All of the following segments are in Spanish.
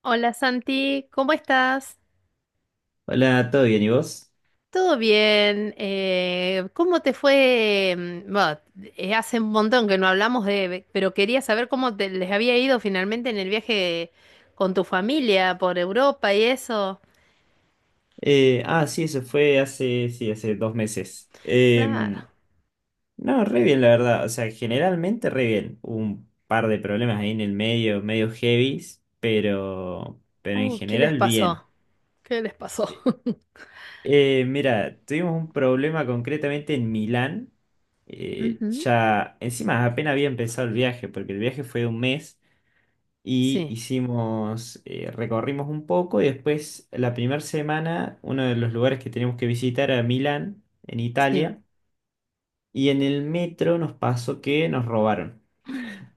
Hola Santi, ¿cómo estás? Hola, ¿todo bien? ¿Y vos? ¿Todo bien? ¿Cómo te fue? Bueno, hace un montón que no hablamos de, pero quería saber cómo te, les había ido finalmente en el viaje con tu familia por Europa y eso. Sí, eso fue hace, sí, hace 2 meses. Claro. No, re bien, la verdad. O sea, generalmente re bien. Hubo un par de problemas ahí en el medio, medio heavies, pero en ¿Qué les general bien. pasó? ¿Qué les pasó? Mira, tuvimos un problema concretamente en Milán. Ujú. Ya, encima apenas había empezado el viaje, porque el viaje fue de un mes. Y Sí, hicimos, recorrimos un poco y después la primera semana uno de los lugares que teníamos que visitar era Milán, en sí. Italia, y en el metro nos pasó que nos robaron.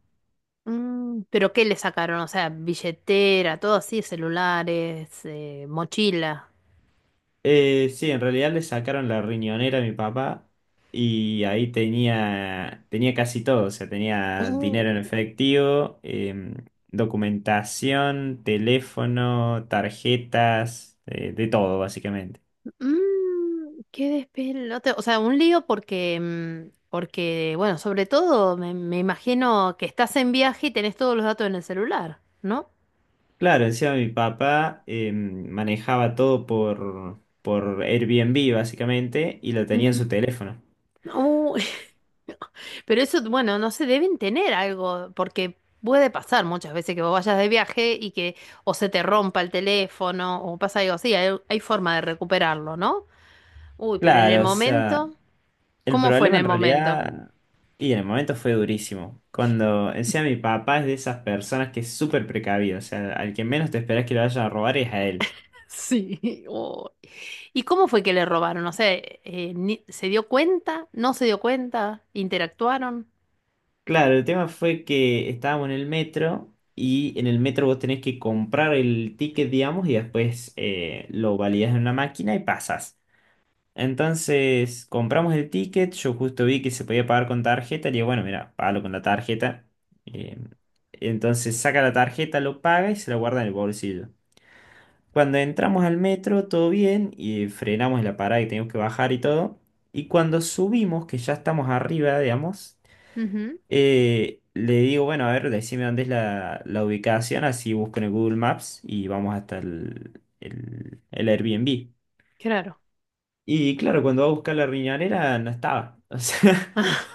Mm, ¿pero qué le sacaron? O sea, billetera, todo así, celulares, mochila. Sí, en realidad le sacaron la riñonera a mi papá y ahí tenía, tenía casi todo, o sea, tenía dinero en efectivo, documentación, teléfono, tarjetas, de todo básicamente. Mm, qué despelote. O sea, un lío porque, porque, bueno, sobre todo me, me imagino que estás en viaje y tenés todos los datos en el celular, ¿no? Claro, encima mi papá manejaba todo por Airbnb básicamente y lo tenía en Ujú. su teléfono. Uh, pero eso, bueno, no sé, deben tener algo, porque puede pasar muchas veces que vos vayas de viaje y que o se te rompa el teléfono o pasa algo así, hay forma de recuperarlo, ¿no? Uy, pero en el Claro, o sea, momento, el ¿cómo fue en problema en el momento? realidad, y en el momento fue durísimo, cuando encima mi papá es de esas personas que es súper precavido, o sea, al que menos te esperas que lo vayan a robar es a él. Sí, uy. ¿Y cómo fue que le robaron? No sé, ¿se dio cuenta? ¿No se dio cuenta? ¿Interactuaron? Claro, el tema fue que estábamos en el metro y en el metro vos tenés que comprar el ticket, digamos, y después lo validás en una máquina y pasas. Entonces compramos el ticket, yo justo vi que se podía pagar con tarjeta, le digo, bueno, mira, págalo con la tarjeta. Eh, entonces saca la tarjeta, lo paga y se la guarda en el bolsillo. Cuando entramos al metro, todo bien, y frenamos en la parada y teníamos que bajar y todo. Y cuando subimos, que ya estamos arriba, digamos, Ujú, le digo, bueno, a ver, decime dónde es la ubicación, así busco en el Google Maps y vamos hasta el Airbnb. claro. Y claro, cuando va a buscar la riñonera no estaba, o sea,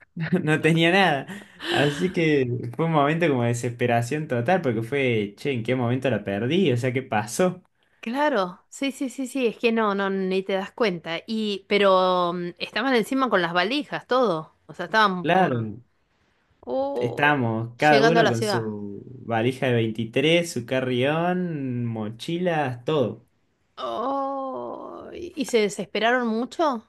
no tenía nada. Así que fue un momento como de desesperación total, porque fue, che, ¿en qué momento la perdí? O sea, ¿qué pasó? Claro, sí, sí, sí, sí, es que no, no, ni te das cuenta. Y, pero estaban encima con las valijas, todo. O sea, estaban por... Claro, Oh, estábamos cada llegando a uno la con ciudad. su valija de 23 su carrión, mochilas, todo. Oh, ¿y se desesperaron mucho?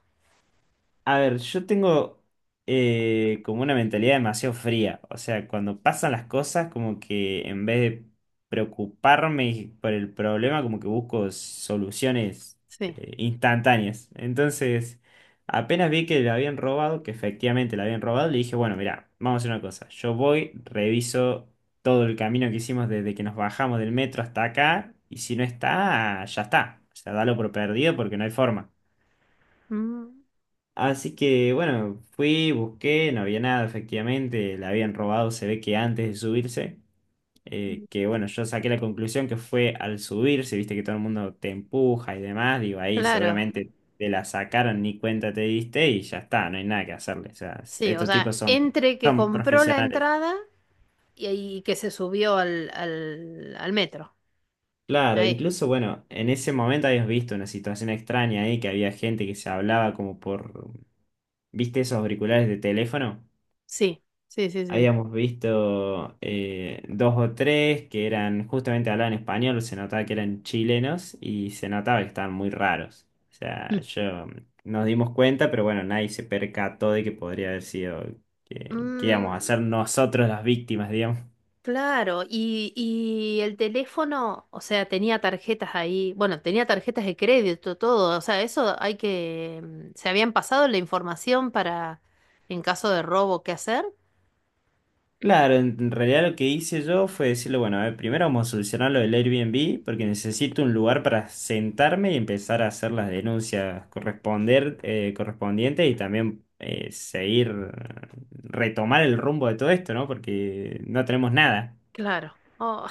A ver, yo tengo como una mentalidad demasiado fría. O sea, cuando pasan las cosas, como que en vez de preocuparme por el problema, como que busco soluciones Sí. Instantáneas. Entonces, apenas vi que la habían robado, que efectivamente la habían robado, le dije, bueno, mira, vamos a hacer una cosa. Yo voy, reviso todo el camino que hicimos desde que nos bajamos del metro hasta acá, y si no está, ya está. O sea, dalo por perdido porque no hay forma. Mm, Así que bueno, fui, busqué, no había nada, efectivamente, la habían robado, se ve que antes de subirse, mm, que bueno, yo saqué la conclusión que fue al subirse, viste que todo el mundo te empuja y demás, digo, ahí claro, seguramente te la sacaron, ni cuenta te diste y ya está, no hay nada que hacerle, o sea, sí, o estos sea, tipos son, entre que son compró la profesionales. entrada y, y que se subió al, al, al metro. Claro, Ahí. incluso bueno, en ese momento habías visto una situación extraña ahí, que había gente que se hablaba como por, viste esos auriculares de teléfono. Sí, sí, sí, sí. Habíamos visto dos o tres que eran, justamente hablaban español, se notaba que eran chilenos y se notaba que estaban muy raros. O sea, Mm. yo nos dimos cuenta, pero bueno, nadie se percató de que podría haber sido que íbamos Mm, a ser nosotros las víctimas, digamos. claro, y el teléfono, o sea, tenía tarjetas ahí, bueno, tenía tarjetas de crédito, todo, o sea, eso hay que, se habían pasado la información para, en caso de robo, qué hacer. Claro, en realidad lo que hice yo fue decirle, bueno, a ver, primero vamos a solucionar lo del Airbnb porque necesito un lugar para sentarme y empezar a hacer las denuncias corresponder, correspondientes y también seguir, retomar el rumbo de todo esto, ¿no? Porque no tenemos nada. Claro, oh,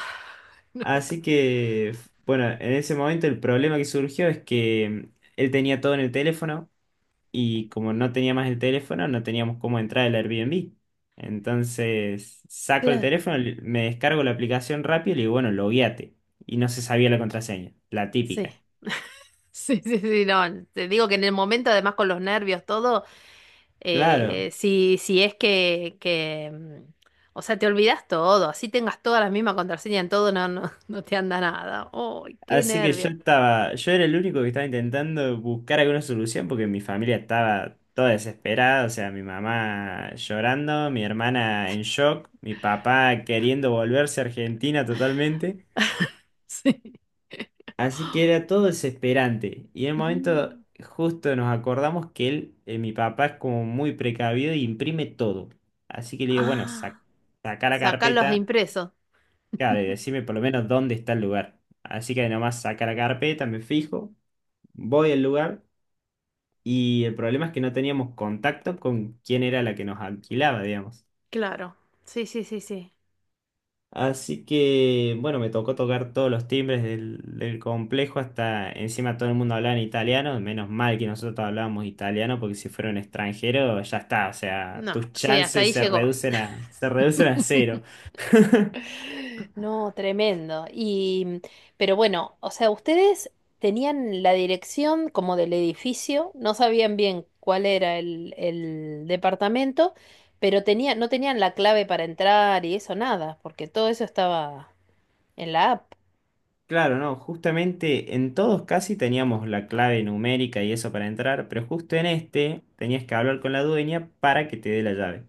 Así que, bueno, en ese momento el problema que surgió es que él tenía todo en el teléfono y como no tenía más el teléfono, no teníamos cómo entrar al Airbnb. Entonces saco el claro, teléfono, me descargo la aplicación rápido y le digo, bueno, logueate. Y no se sabía la contraseña, la sí. típica. Sí, sí, sí, no, te digo que en el momento, además con los nervios, todo, Claro. Si, si es que, mm, o sea, te olvidas todo, así tengas todas las mismas contraseñas en todo, no, no, no te anda nada. ¡Ay, qué Así que yo nervio! estaba, yo era el único que estaba intentando buscar alguna solución porque mi familia estaba toda desesperada, o sea, mi mamá llorando, mi hermana en shock, mi papá queriendo volverse a Argentina totalmente. Sí. Así que era todo desesperante. Y en un momento Mm. justo nos acordamos que él, mi papá, es como muy precavido y imprime todo. Así que le digo, bueno, saca Ah, la sacar los carpeta, impresos. claro, y decime por lo menos dónde está el lugar. Así que nomás saca la carpeta, me fijo, voy al lugar y el problema es que no teníamos contacto con quién era la que nos alquilaba, digamos. Claro. Sí, sí, sí, sí. Así que, bueno, me tocó tocar todos los timbres del complejo, hasta encima todo el mundo hablaba en italiano, menos mal que nosotros hablábamos italiano, porque si fuera un extranjero, ya está, o sea, No, tus sí, hasta chances ahí llegó. Se reducen a cero. No, tremendo. Y, pero bueno, o sea, ustedes tenían la dirección como del edificio, no sabían bien cuál era el departamento, pero tenían, no tenían la clave para entrar y eso nada, porque todo eso estaba en la app. Claro, no, justamente en todos casi teníamos la clave numérica y eso para entrar, pero justo en este tenías que hablar con la dueña para que te dé la llave.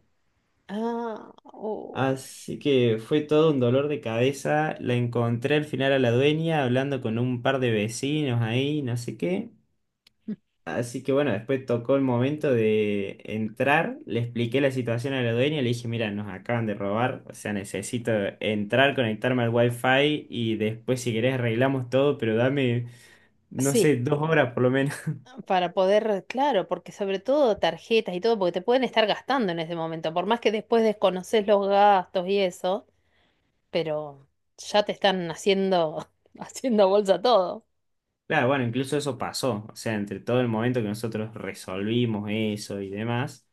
Ah, oh. Así que fue todo un dolor de cabeza. La encontré al final a la dueña hablando con un par de vecinos ahí, no sé qué. Así que bueno, después tocó el momento de entrar. Le expliqué la situación a la dueña. Le dije, mira, nos acaban de robar. O sea, necesito entrar, conectarme al wifi y después si querés arreglamos todo, pero dame, no sé, Sí, 2 horas por lo menos. para poder, claro, porque sobre todo tarjetas y todo, porque te pueden estar gastando en ese momento, por más que después desconoces los gastos y eso. Pero ya te están haciendo, haciendo bolsa todo. Claro, bueno, incluso eso pasó. O sea, entre todo el momento que nosotros resolvimos eso y demás.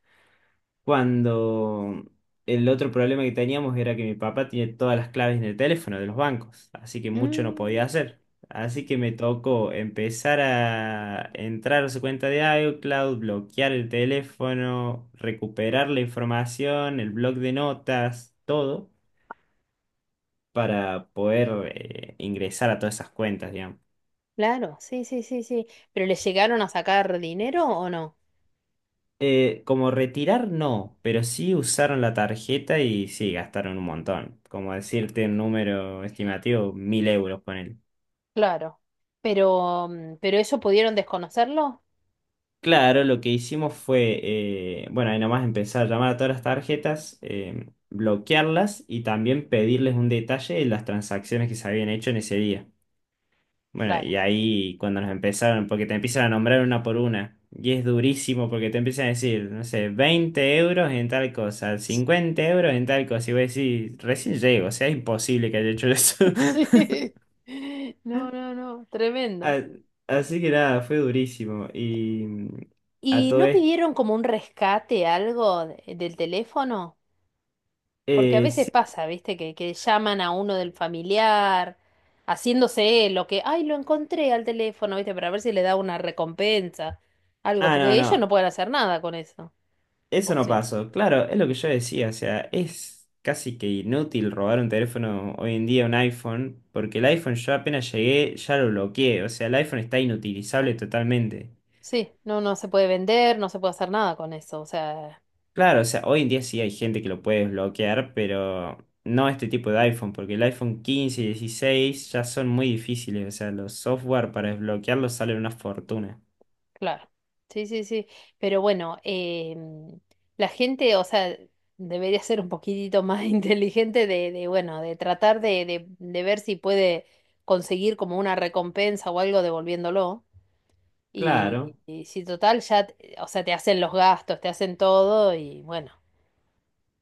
Cuando el otro problema que teníamos era que mi papá tiene todas las claves en el teléfono de los bancos, así que mucho no podía Mm, hacer. Así que me tocó empezar a entrar a su cuenta de iCloud, bloquear el teléfono, recuperar la información, el blog de notas, todo, para poder ingresar a todas esas cuentas. claro, sí, sí, sí, sí. ¿Pero le llegaron a sacar dinero o no? Como retirar, no, pero sí usaron la tarjeta y sí, gastaron un montón. Como decirte un número estimativo, 1.000 euros con él. Claro. Pero, ¿pero eso pudieron desconocerlo? Claro, lo que hicimos fue, bueno, ahí nomás empezar a llamar a todas las tarjetas, bloquearlas y también pedirles un detalle de las transacciones que se habían hecho en ese día. Bueno, y Claro. ahí cuando nos empezaron, porque te empiezan a nombrar una por una, y es durísimo porque te empiezan a decir, no sé, 20 euros en tal cosa, 50 euros en tal cosa, y voy a decir recién llego, o sea, es imposible que haya hecho eso. Sí. No, no, no, tremendo. A- Así que nada, fue durísimo. Y a ¿Y todo no esto, pidieron como un rescate, algo del teléfono? Porque a veces sí. pasa, ¿viste? Que llaman a uno del familiar, haciéndose lo que, ay, lo encontré al teléfono, ¿viste? Para ver si le da una recompensa, algo, Ah, no, porque ellos no no. pueden hacer nada con eso. Eso ¿O no sí? pasó. Claro, es lo que yo decía. O sea, es casi que inútil robar un teléfono hoy en día, un iPhone, porque el iPhone yo apenas llegué, ya lo bloqueé. O sea, el iPhone está inutilizable totalmente. Sí, no, no se puede vender, no se puede hacer nada con eso, o sea, Claro, o sea, hoy en día sí hay gente que lo puede desbloquear, pero no este tipo de iPhone, porque el iPhone 15 y 16 ya son muy difíciles. O sea, los software para desbloquearlos salen una fortuna. claro. Sí, sí, sí. Pero bueno, la gente, o sea, debería ser un poquitito más inteligente de, bueno, de tratar de, de ver si puede conseguir como una recompensa o algo devolviéndolo. Claro, Y si total, ya, o sea, te hacen los gastos, te hacen todo y bueno.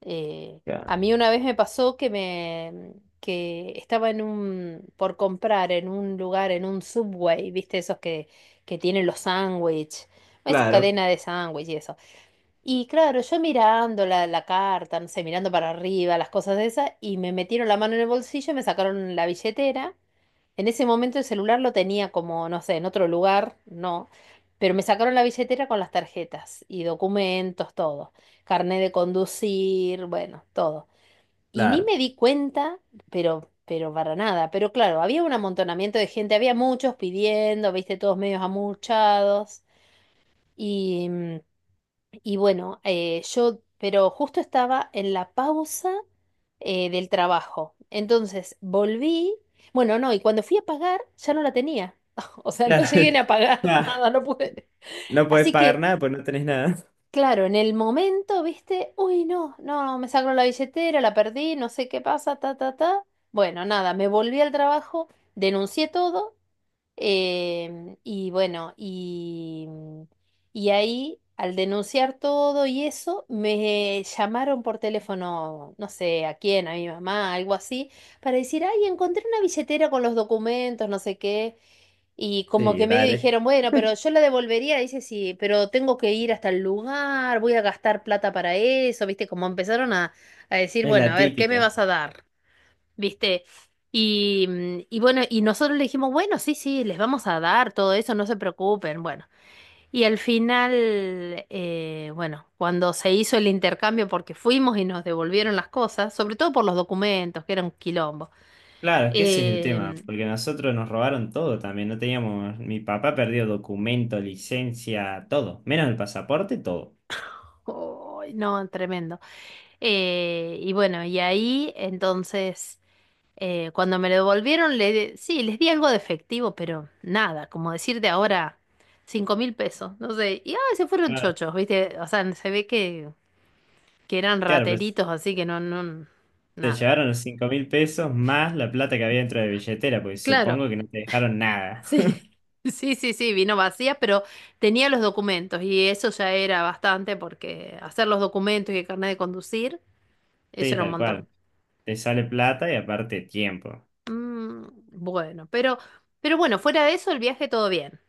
claro, a mí una vez me pasó que me, que estaba en un, por comprar en un lugar, en un Subway, ¿viste? Esos que tienen los sándwiches, esa claro, cadena de sándwiches y eso. Y claro, yo mirando la, la carta, no sé, mirando para arriba, las cosas de esas, y me metieron la mano en el bolsillo, y me sacaron la billetera. En ese momento el celular lo tenía como, no sé, en otro lugar, no, pero me sacaron la billetera con las tarjetas y documentos, todo, carnet de conducir, bueno, todo. Y ni claro. me di cuenta, pero para nada, pero claro, había un amontonamiento de gente, había muchos pidiendo, viste, todos medios amuchados y, y bueno, yo, pero justo estaba en la pausa del trabajo. Entonces volví, bueno, no, y cuando fui a pagar ya no la tenía. O sea, no llegué ni a pagar Claro. nada, no pude. No podés Así pagar que, nada, pues no tenés nada. claro, en el momento, viste, uy, no, no, me sacaron la billetera, la perdí, no sé qué pasa, ta, ta, ta. Bueno, nada, me volví al trabajo, denuncié todo. Y bueno, y ahí al denunciar todo y eso, me llamaron por teléfono, no sé a quién, a mi mamá, algo así, para decir, ay, encontré una billetera con los documentos, no sé qué. Y como que Sí, medio dale. dijeron, bueno, pero yo la devolvería, dice, sí, pero tengo que ir hasta el lugar, voy a gastar plata para eso, ¿viste? Como empezaron a decir, Es bueno, a la ver, ¿qué me típica. vas a dar? ¿Viste? Y, y bueno, y nosotros le dijimos, bueno, sí, sí, les vamos a dar todo eso, no se preocupen, bueno. Y al final, bueno, cuando se hizo el intercambio, porque fuimos y nos devolvieron las cosas, sobre todo por los documentos, que era un quilombo. Claro, es que ese es el tema, Eh, porque nosotros nos robaron todo también, no teníamos, mi papá perdió documento, licencia, todo, menos el pasaporte, todo. ay, no, tremendo. Y bueno, y ahí entonces, cuando me lo devolvieron, le, sí, les di algo de efectivo, pero nada, como decirte ahora, 5.000 pesos, no sé, y ah, se fueron Claro, chochos, ¿viste? O sea, se ve que eran claro, pues rateritos, así que no, no, te nada. llevaron los 5.000 pesos más la plata que había dentro de la billetera, pues Claro, supongo que no te dejaron nada. sí, sí, sí, sí, vino vacía, pero tenía los documentos y eso ya era bastante porque hacer los documentos y el carnet de conducir, eso Sí, era un tal montón. cual. Te sale plata y aparte tiempo. Mm, bueno, pero bueno, fuera de eso, el viaje todo bien.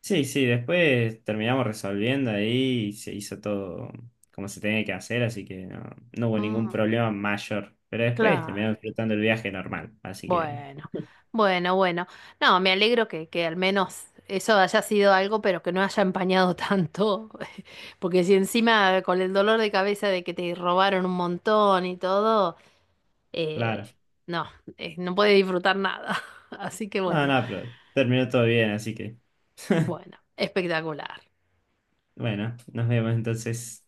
Sí, sí, después terminamos resolviendo ahí y se hizo todo como se tenía que hacer, así que no, no hubo Mm, ningún problema mayor. Pero después claro. terminamos disfrutando el viaje normal, así que, Bueno, bueno, bueno. No, me alegro que al menos eso haya sido algo, pero que no haya empañado tanto. Porque si encima con el dolor de cabeza de que te robaron un montón y todo, claro. eh, no, no puedes disfrutar nada. Así que No, bueno, no, pero terminó todo bien, así que, bueno, espectacular. bueno, nos vemos entonces.